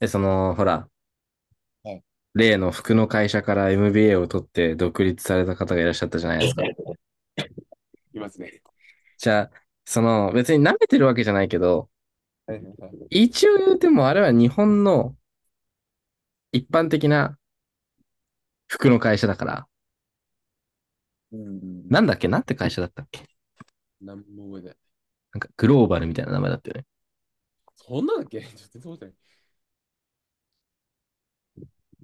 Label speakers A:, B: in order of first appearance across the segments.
A: え、その、ほら、
B: はい、
A: 例の服の会社から MBA を取って独立された方がいらっしゃったじゃないですか。
B: いますね。
A: じゃあ、別に舐めてるわけじゃないけど、
B: はいはいはい。
A: 一応言うてもあれは日本の一般的な服の会社だから、
B: うんうんう
A: な
B: ん。
A: んだっけ。なんて会社だったっけ。
B: 何も覚えてない。
A: なんかグローバルみたいな名前だったよね。
B: そんなんだっけ ちょっと全然覚えてな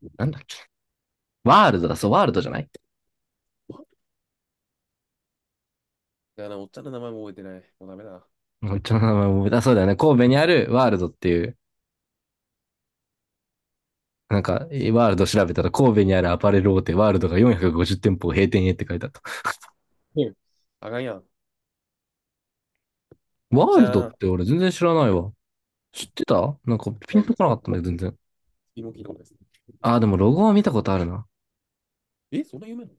B: い。
A: なんだっけ。ワールドだ、
B: え、
A: そう、ワールドじゃない。
B: いやな、おっちゃんの名前も覚えてない。もうダメだな。
A: もう一応名前も、あ、そうだよね。神戸にあるワールドっていう、なんか、ワールド調べたら神戸にあるアパレル大手ワールドが450店舗を閉店へって書いてあった。
B: うん、あかんやん。お
A: ワ
B: っ
A: ー
B: ち
A: ルドっ
B: ゃん。
A: て俺全然知らないわ。知ってたなんかピンとこなかったんだよ、全然。
B: 次も聞いたことないですね。
A: ああ、でもロゴは見たことあるな。
B: え、そんな有名なの？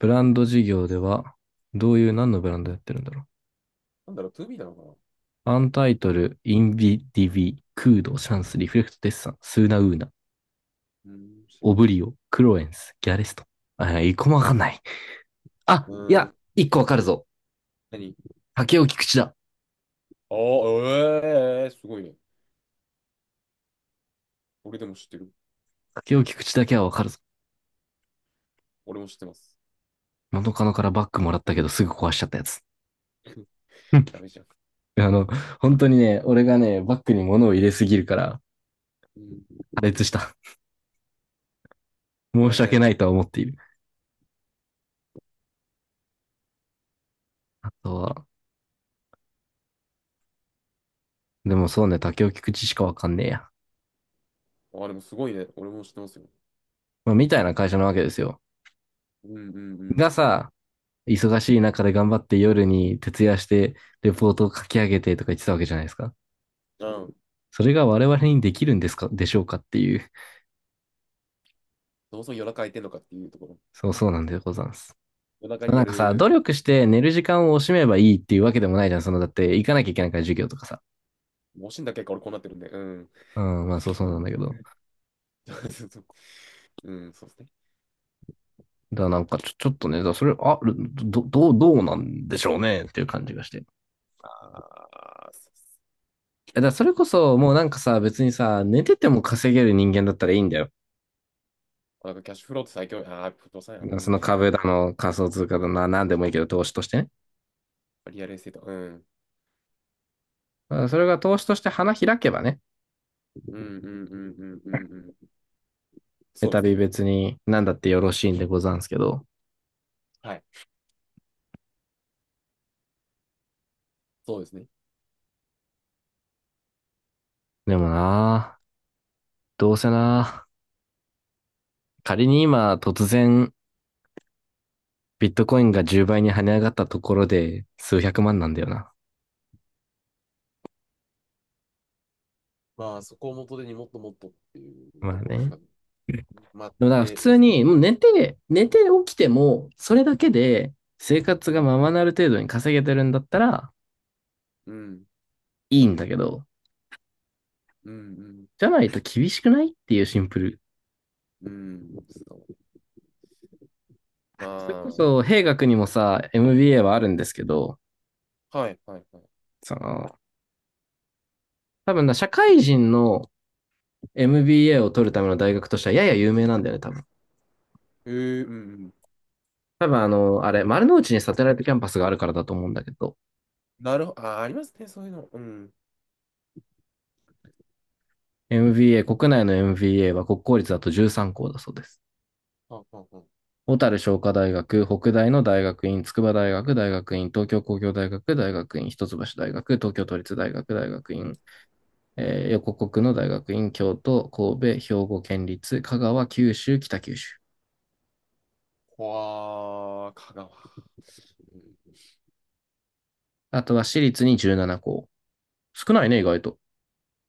A: ブランド事業では、どういう、何のブランドやってるんだろ
B: なんだろう、2B なのかな
A: う。アンタイトル、インビディビ、クード、シャンス、リフレクト、デッサン、スーナウーナ、
B: ー知ら
A: オ
B: ん。
A: ブリオ、クロエンス、ギャレスト。あ、一個もわかんない。あ、
B: う
A: い
B: ーん、
A: や、一個わかるぞ。
B: 何？
A: 竹尾菊池だ。
B: ああ、ええー、すごいね。俺でも知ってる。
A: 竹尾菊池だけはわかるぞ。
B: 俺も知ってます。
A: 元カノからバッグもらったけど、すぐ壊しちゃったやつ。
B: ダメじゃん。
A: あの、本当にね、俺がね、バッグに物を入れすぎるから、
B: うん、
A: 破裂した。
B: ブ
A: 申
B: ラ
A: し
B: ジャー
A: 訳
B: ル
A: な
B: で。
A: いとは思っている。あとは、でもそうね、竹を聞く知しかわかんねえや。
B: ああ、でもすごいね。俺も知ってますよ。
A: まあ、みたいな会社なわけですよ。
B: うんうんうん。
A: がさ、忙しい中で頑張って夜に徹夜してレポートを書き上げてとか言ってたわけじゃないですか。
B: うん。
A: それが我々にできるんですか、でしょうかっていう。
B: そもそも夜中空いてんのかっていうところ。
A: そうそうなんでございます。
B: 夜中に
A: な
B: や
A: んかさ、努
B: る、
A: 力して寝る時間を惜しめばいいっていうわけでもないじゃん。だって行かなきゃいけないから授業とかさ。
B: もしんだ結果俺こうなってるんで、うん。
A: うん、まあそうそうなんだけ ど。
B: そうそう。うん、そうですね。
A: だからなんかちょっとね、だからそれ、どうなんでしょうねっていう感じがして。
B: ああ、そうっす。
A: だからそれこそ、もうなんかさ、別にさ、寝てても稼げる人間だったらいいんだよ。
B: なんかキャッシュフローって最強、ああ、不動産や、う
A: そ
B: ん、
A: の
B: うん、
A: 株だの、仮想通貨だの、なんでもいいけど、投資としてね。
B: リアルエステート、うん、
A: だからそれが投資として花開けばね、
B: うん、うん、うん、うん、うん、うん、そうで
A: 再
B: す
A: び
B: ね。
A: 別に何だってよろしいんでござんすけど。
B: はい、そうですね。
A: でもなぁ、どうせなぁ、仮に今突然ビットコインが10倍に跳ね上がったところで数百万なんだよな。
B: まあ、そこを元手にもっともっとっていう
A: ま
B: と
A: あ
B: ころし
A: ね。
B: か、まあ、
A: でもだから普
B: テ
A: 通
B: スト、
A: に、もう寝て起きても、それだけで生活
B: う
A: が
B: ん、
A: ままなる程度に稼げてるんだったら、
B: うん、
A: いいんだけど、
B: うん、
A: じゃないと厳しくないっていうシンプル。
B: うん、うん、そう、
A: それこ
B: ま
A: そ、兵学にもさ、MBA はあるんですけど、
B: あ、はい、はい、はい。
A: その、多分な、社会人の MBA を取るための大学としてはやや有名なんだよね、多分。
B: えうん、うん、
A: 多分あれ、丸の内にサテライトキャンパスがあるからだと思うんだけど、
B: なるほど、あー、ありますね、そういうの。うん。
A: MBA、国内の MBA は国公立だと13校だそうです。
B: ああああ、
A: 小樽商科大学、北大の大学院、筑波大学、大学院、東京工業大学、大学院、一橋大学、東京都立大学、大学院、横国の大学院、京都、神戸、兵庫県立、香川、九州、北九州。
B: わあ、香川。うん、
A: あとは私立に17校。少ないね、意外と。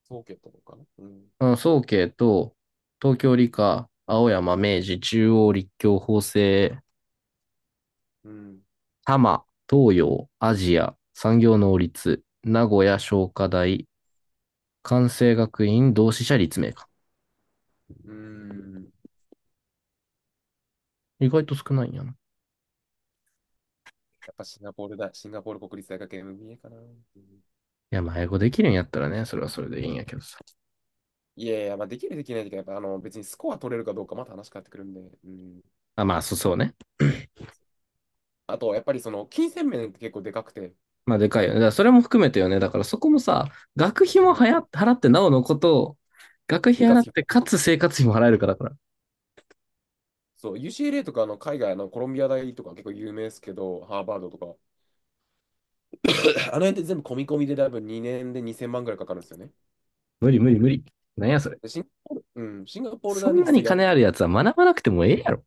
B: そうとかな。うん。
A: うん、早慶と、東京理科、青山、明治、中央、立教、法政、
B: うん。
A: 多摩、東洋、アジア、産業能率、名古屋、商科大、関西学院、同志社、立命科。
B: うん。
A: 意外と少ないんやな。い
B: やっぱシンガポールだ。シンガポール国立大学 MBA かな。うん、
A: や、まあ、英語できるんやったらね、それはそれでいいんやけどさ。
B: いやいや、まあ、できるできないとか、やっぱあの別にスコア取れるかどうかまた話変わってくるんで。うん。
A: あ、まあ、そうね。
B: あと、やっぱりその金銭面って結構でかくて、
A: まあ、でかいよね。だからそれも含めてよね。だからそこもさ、学費も
B: うん、
A: はや払ってなおのことを、学
B: 生
A: 費
B: 活
A: 払っ
B: 費。
A: て、かつ生活費も払えるかだから。
B: そう、UCLA とかあの海外のコロンビア大とか結構有名ですけど、ハーバードとか。あの辺って全部込み込みで多分2年で2000万ぐらいかかるんですよね。
A: 無理無理無理。なんやそれ。
B: でシンガポール、うん、シンガポール
A: そ
B: 大
A: ん
B: ね、
A: なに
B: 実は
A: 金あるやつは学ばなくてもええやろ。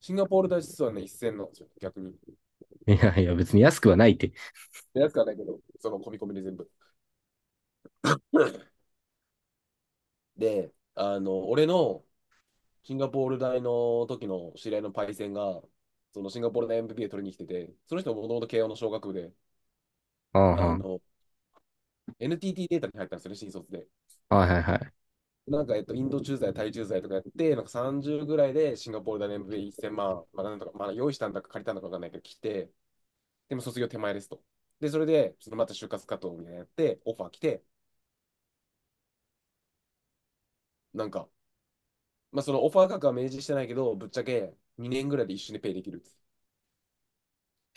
B: シンガポール大使はね、一線なんですよ、逆に。
A: いやいや、別に安くはないって。
B: で安くはないけど、その込み込みで全部。で、あの、俺のシンガポール大の時の知り合いのパイセンが、そのシンガポール大 m p で取りに来てて、その人ももともと慶応の小学部で、
A: うんう
B: あ
A: ん。
B: の、NTT データに入ったんですよね、新卒で。
A: はいはいはい。
B: なんか、インド駐在、タイ駐在とかやって、なんか30ぐらいでシンガポール大の m v p 一0万、まあ、なんとか、まあ、用意したんだか借りたんだかわかんないけど、来て、でも卒業手前ですと。で、それで、また就活活動みたいなやって、オファー来て、なんか、まあ、そのオファー価格は明示してないけど、ぶっちゃけ2年ぐらいで一緒にペイできる。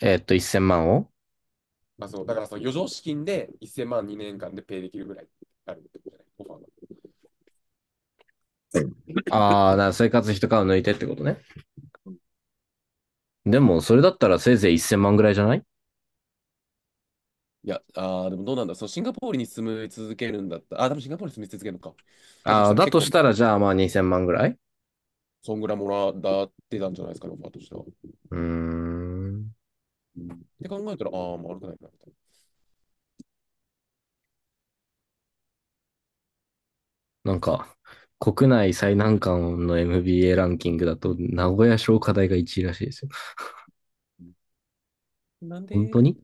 A: 1000万を。
B: まあ、そうだからその余剰資金で1000万2年間でペイできるぐらいあるってことじゃない、オファーが。
A: ああ、だから生活費とかを抜いてってことね。でも、それだったらせいぜい1000万ぐらいじゃない。
B: いや、あーでもどうなんだ、そのシンガポールに住み続けるんだったらあー、多分シンガポールに住み続けるのか。だとし
A: ああ、
B: たら
A: だ
B: 結
A: とし
B: 構、
A: たら、じゃあまあ2000万ぐらい。
B: そんぐらいもらってたんじゃないですかね、オファーとしては。う
A: うーん。
B: んって考えたら、ああ、まあ悪くないな、みたい
A: なんか、国内最難関の MBA ランキングだと、名古屋商科大が1位らしいですよ。
B: な。なん
A: 本
B: で？
A: 当に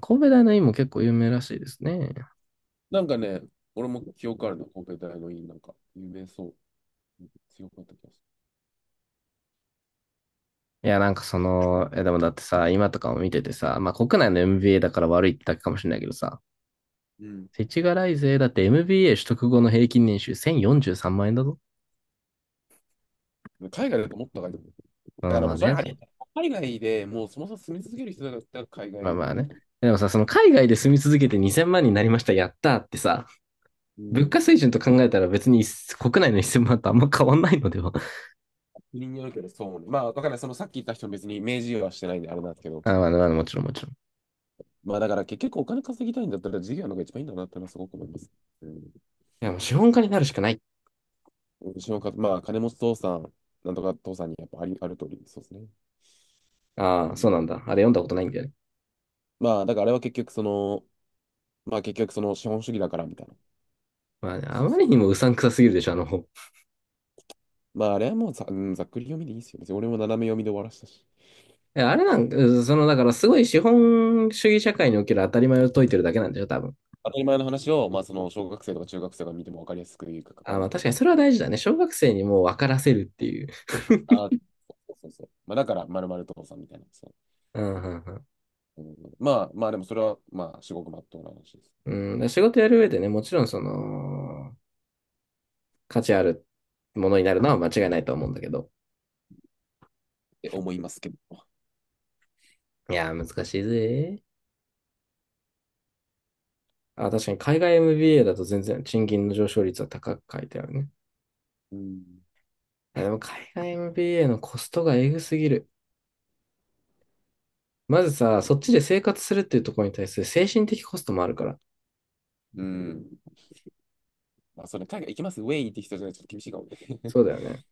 A: 神戸大の院も結構有名らしいですね。
B: なんかね、俺も記憶あるな、神戸大の院なんか、有名そう、強かった気がす
A: いや、なんかいやでもだってさ、今とかも見ててさ、まあ国内の MBA だから悪いってだけかもしれないけどさ、
B: る。
A: 世知辛いぜ。だって MBA 取得後の平均年収1043万円だぞ。
B: うん。海外だともっと高いと思。
A: う
B: だか
A: ん、
B: ら
A: ま
B: もう
A: あ
B: それ
A: ね、
B: あ
A: そ
B: れ、
A: う。
B: 海外でもうそもそも住み続ける人だったら海外
A: まあ
B: の v ーだ
A: まあ
B: け
A: ね。
B: ど。
A: でもさ、その海外で住み続けて2000万になりました、やったーってさ、
B: う
A: 物
B: ん。
A: 価水準と考えたら別に国内の1000万とあんま変わんないのでは。
B: 国によるけど、そうね。まあ、わからない。そのさっき言った人も別に明示はしてないんであれなんですけど。
A: あ、まあ、まあ、もちろん、もちろん。い
B: まあ、だから結局お金稼ぎたいんだったら事業の方が一番いいんだなってのはすごく思います。うん。
A: や、もう資本家になるしかない。
B: うちのか、まあ、金持ち父さん、なんとか父さんにやっぱあり、ある通り、そうですね。
A: あ
B: う
A: あ、そうな
B: ん。
A: んだ。あれ読んだことないんだよね。
B: まあ、だからあれは結局その、まあ結局その資本主義だからみたいな。
A: まあね、あ
B: そう
A: ま
B: そ
A: りに
B: う。
A: もうさんくさすぎるでしょ、あの本。
B: まあ、あれはもうざ、うん、ざっくり読みでいいですよ。別に俺も斜め読みで終わらしたし。
A: いやあれなんか、うん、だからすごい資本主義社会における当たり前を解いてるだけなんだよ、多分。
B: 当たり前の話を、まあ、その小学生とか中学生が見ても分かりやすく言うか
A: あ
B: れ
A: まあ
B: て
A: 確
B: る
A: かに
B: 感
A: そ
B: じ。
A: れは大事だね。小学生にもう分からせるっていう。
B: あ、そうそうそう。まあ、だから、まるまる父さんみたいな。そ
A: うんうんう
B: う。うん、まあ、まあ、でもそれは、まあ、至極まっとうな話ですっ
A: ん、うんで仕事やる上でね、もちろん価値あるものになるのは間違いないと思うんだけど。
B: て思いますけど。
A: いや難しいぜ。あ、確かに海外 MBA だと全然賃金の上昇率は高く書いてあるね。
B: うん。
A: やでも海外 MBA のコストがえぐすぎる。まずさ、そっちで生活するっていうところに対する精神的コストもあるから。
B: うん。まあ、それ、海外行きますウェイって人じゃないとちょっと厳しいかもね。
A: そうだよ ね。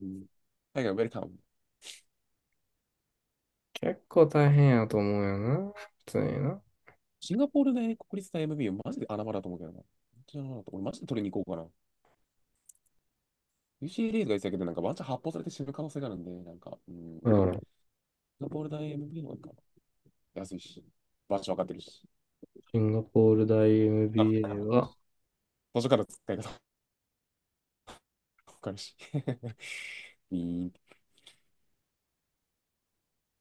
B: うん、海外ウェルカム。
A: 結構大変やと思うよな。普通にな。
B: シンガポールで国立大 MBA、マジで穴場だと思うけどな。本当に穴場だと俺、マジで取りに行こうかな。UCLA とか言ってたけど、なんかワンチャン発砲されて死ぬ可能性があるんで、なんか、うん。シ
A: う
B: ン
A: ん。
B: ガポール大 MBA の方がいいかな、安いし、場所分かってるし。
A: シンガポール大
B: か
A: MBA
B: ら、
A: は、
B: 途中から使い方わかるし。ビーンって。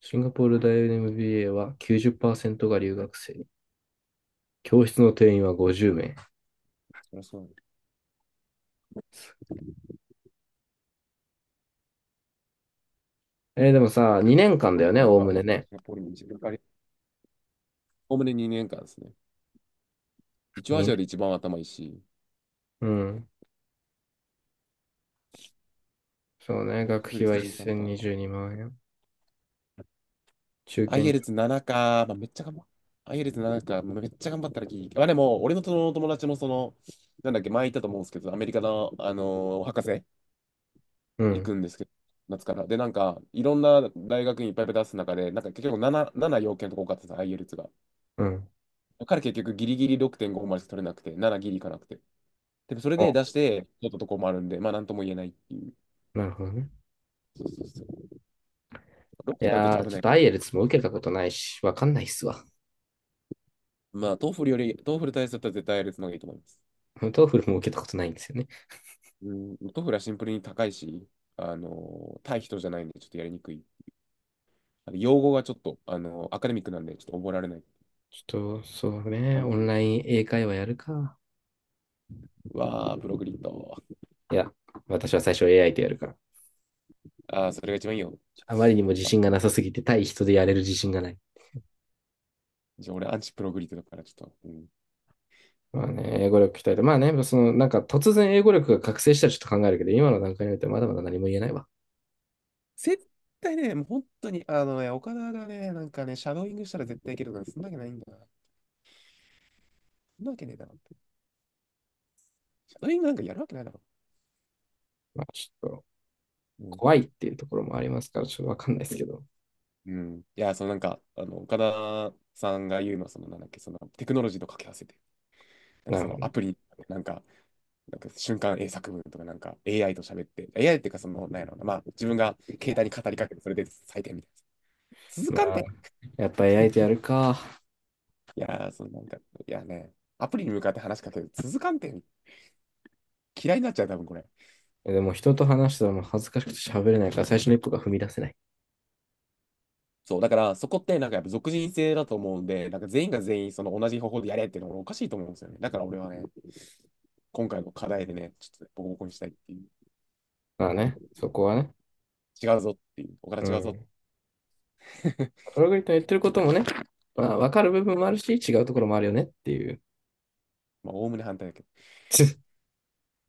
A: シンガポール大 MBA は90%が留学生。教室の定員は50名。
B: そりゃそうだね。
A: でもさ、2年間だよね、
B: 俺
A: おおむ
B: は、
A: ね
B: シ
A: ね。
B: ンガポールに自分からおおむね2年間ですね。一応ア
A: 2年。
B: ジアで一番頭いいし、
A: うん。そうね、
B: 合
A: 学
B: 格
A: 費
B: 率
A: は
B: 13%か。
A: 1022万円。中
B: IELTS7
A: 堅
B: か、ま
A: 料。
B: あ、めっちゃ頑張っ IELTS7 か、まあめっちゃ頑張ったらいい。まあでも、俺のその友達もその、なんだっけ、前言ったと思うんですけど、アメリカの、あのー博士
A: う
B: 行
A: ん。
B: くんですけど、夏から。で、なんか、いろんな大学にいっぱいいっぱい出す中で、なんか結局7要件とか多かったです、IELTS が。
A: うん。
B: だから結局ギリギリ6.5までしか取れなくて、7ギリいかなくて。で、もそれ
A: お、
B: で出して、取ったとこもあるんで、まあなんとも言えないっていう。
A: なるほどね。
B: そうそうそう。6
A: い
B: とかだったら
A: や
B: ちょっと
A: ー、
B: 危
A: ちょ
B: な
A: っ
B: い。
A: とアイエルツも受けたことないし、わかんないっすわ。
B: まあ、トーフルより、トーフル対策だったら絶対やるのがいいと思います。
A: トーフルも受けたことないんですよね。
B: うん、トーフルはシンプルに高いし、あの、対人じゃないんで、ちょっとやりにくい。あの用語がちょっと、あの、アカデミックなんで、ちょっと覚えられない。
A: ちょっと、そう
B: あ
A: ね、
B: の、
A: オンライン英会話やるか。
B: うわー、プログリッド。
A: いや、私は最初 AI とやるから。
B: あー、それが一番いいよ。
A: あまりにも自
B: あ、
A: 信がなさすぎて、対人でやれる自信がない。
B: じゃあ俺、アンチプログリッドだから、ちょっと。うん、
A: まあね、英語力鍛えて、まあね、なんか突然英語力が覚醒したらちょっと考えるけど、今の段階においてはまだまだ何も言えないわ。
B: 絶対ね、もう本当に、あのね、岡田がね、なんかね、シャドーイングしたら絶対いけるから、そんなわけないんだな。そんなわけねえだろって。シャドーイングなんかやるわけないだろ。
A: まあちょっと、
B: うん。
A: 怖いっていうところもありますから、ちょっとわかんないですけど。
B: うん、いや、そのなんか、あの、岡田さんが言うのは、その、なんだっけ、その、テクノロジーと掛け合わせて、なんか
A: なる
B: そ
A: ほ
B: の、ア
A: ど。
B: プリ、なんか、なんか瞬間英作文とか、なんか AI と喋って、AI っていうか、その、なんやろうな、まあ、自分が携帯に語りかけて、それで採点みたいな。続
A: ま
B: かん
A: あ、
B: て。
A: やっぱ AI とやるか。
B: いやー、そのなんか、いやね、アプリに向かって話しかける、続かんて。嫌いになっちゃう、多分これ。
A: でも人と話したらもう恥ずかしくて喋れないから、最初の一歩が踏み出せない。
B: そう、だからそこってなんかやっぱ属人性だと思うんで、なんか全員が全員その同じ方法でやれっていうのがおかしいと思うんですよね。だから俺はね、今回の課題でね、ちょっとねボコボコにしたいっていう
A: まあ
B: ところ、
A: ね、そこはね。
B: 違うぞっていう、おから
A: う
B: 違うぞっ
A: ん。
B: て、
A: それが言ってることもね、まあ、わかる部分もあるし、違うところもあるよねっていう。
B: まあ、おおむね反対だけど。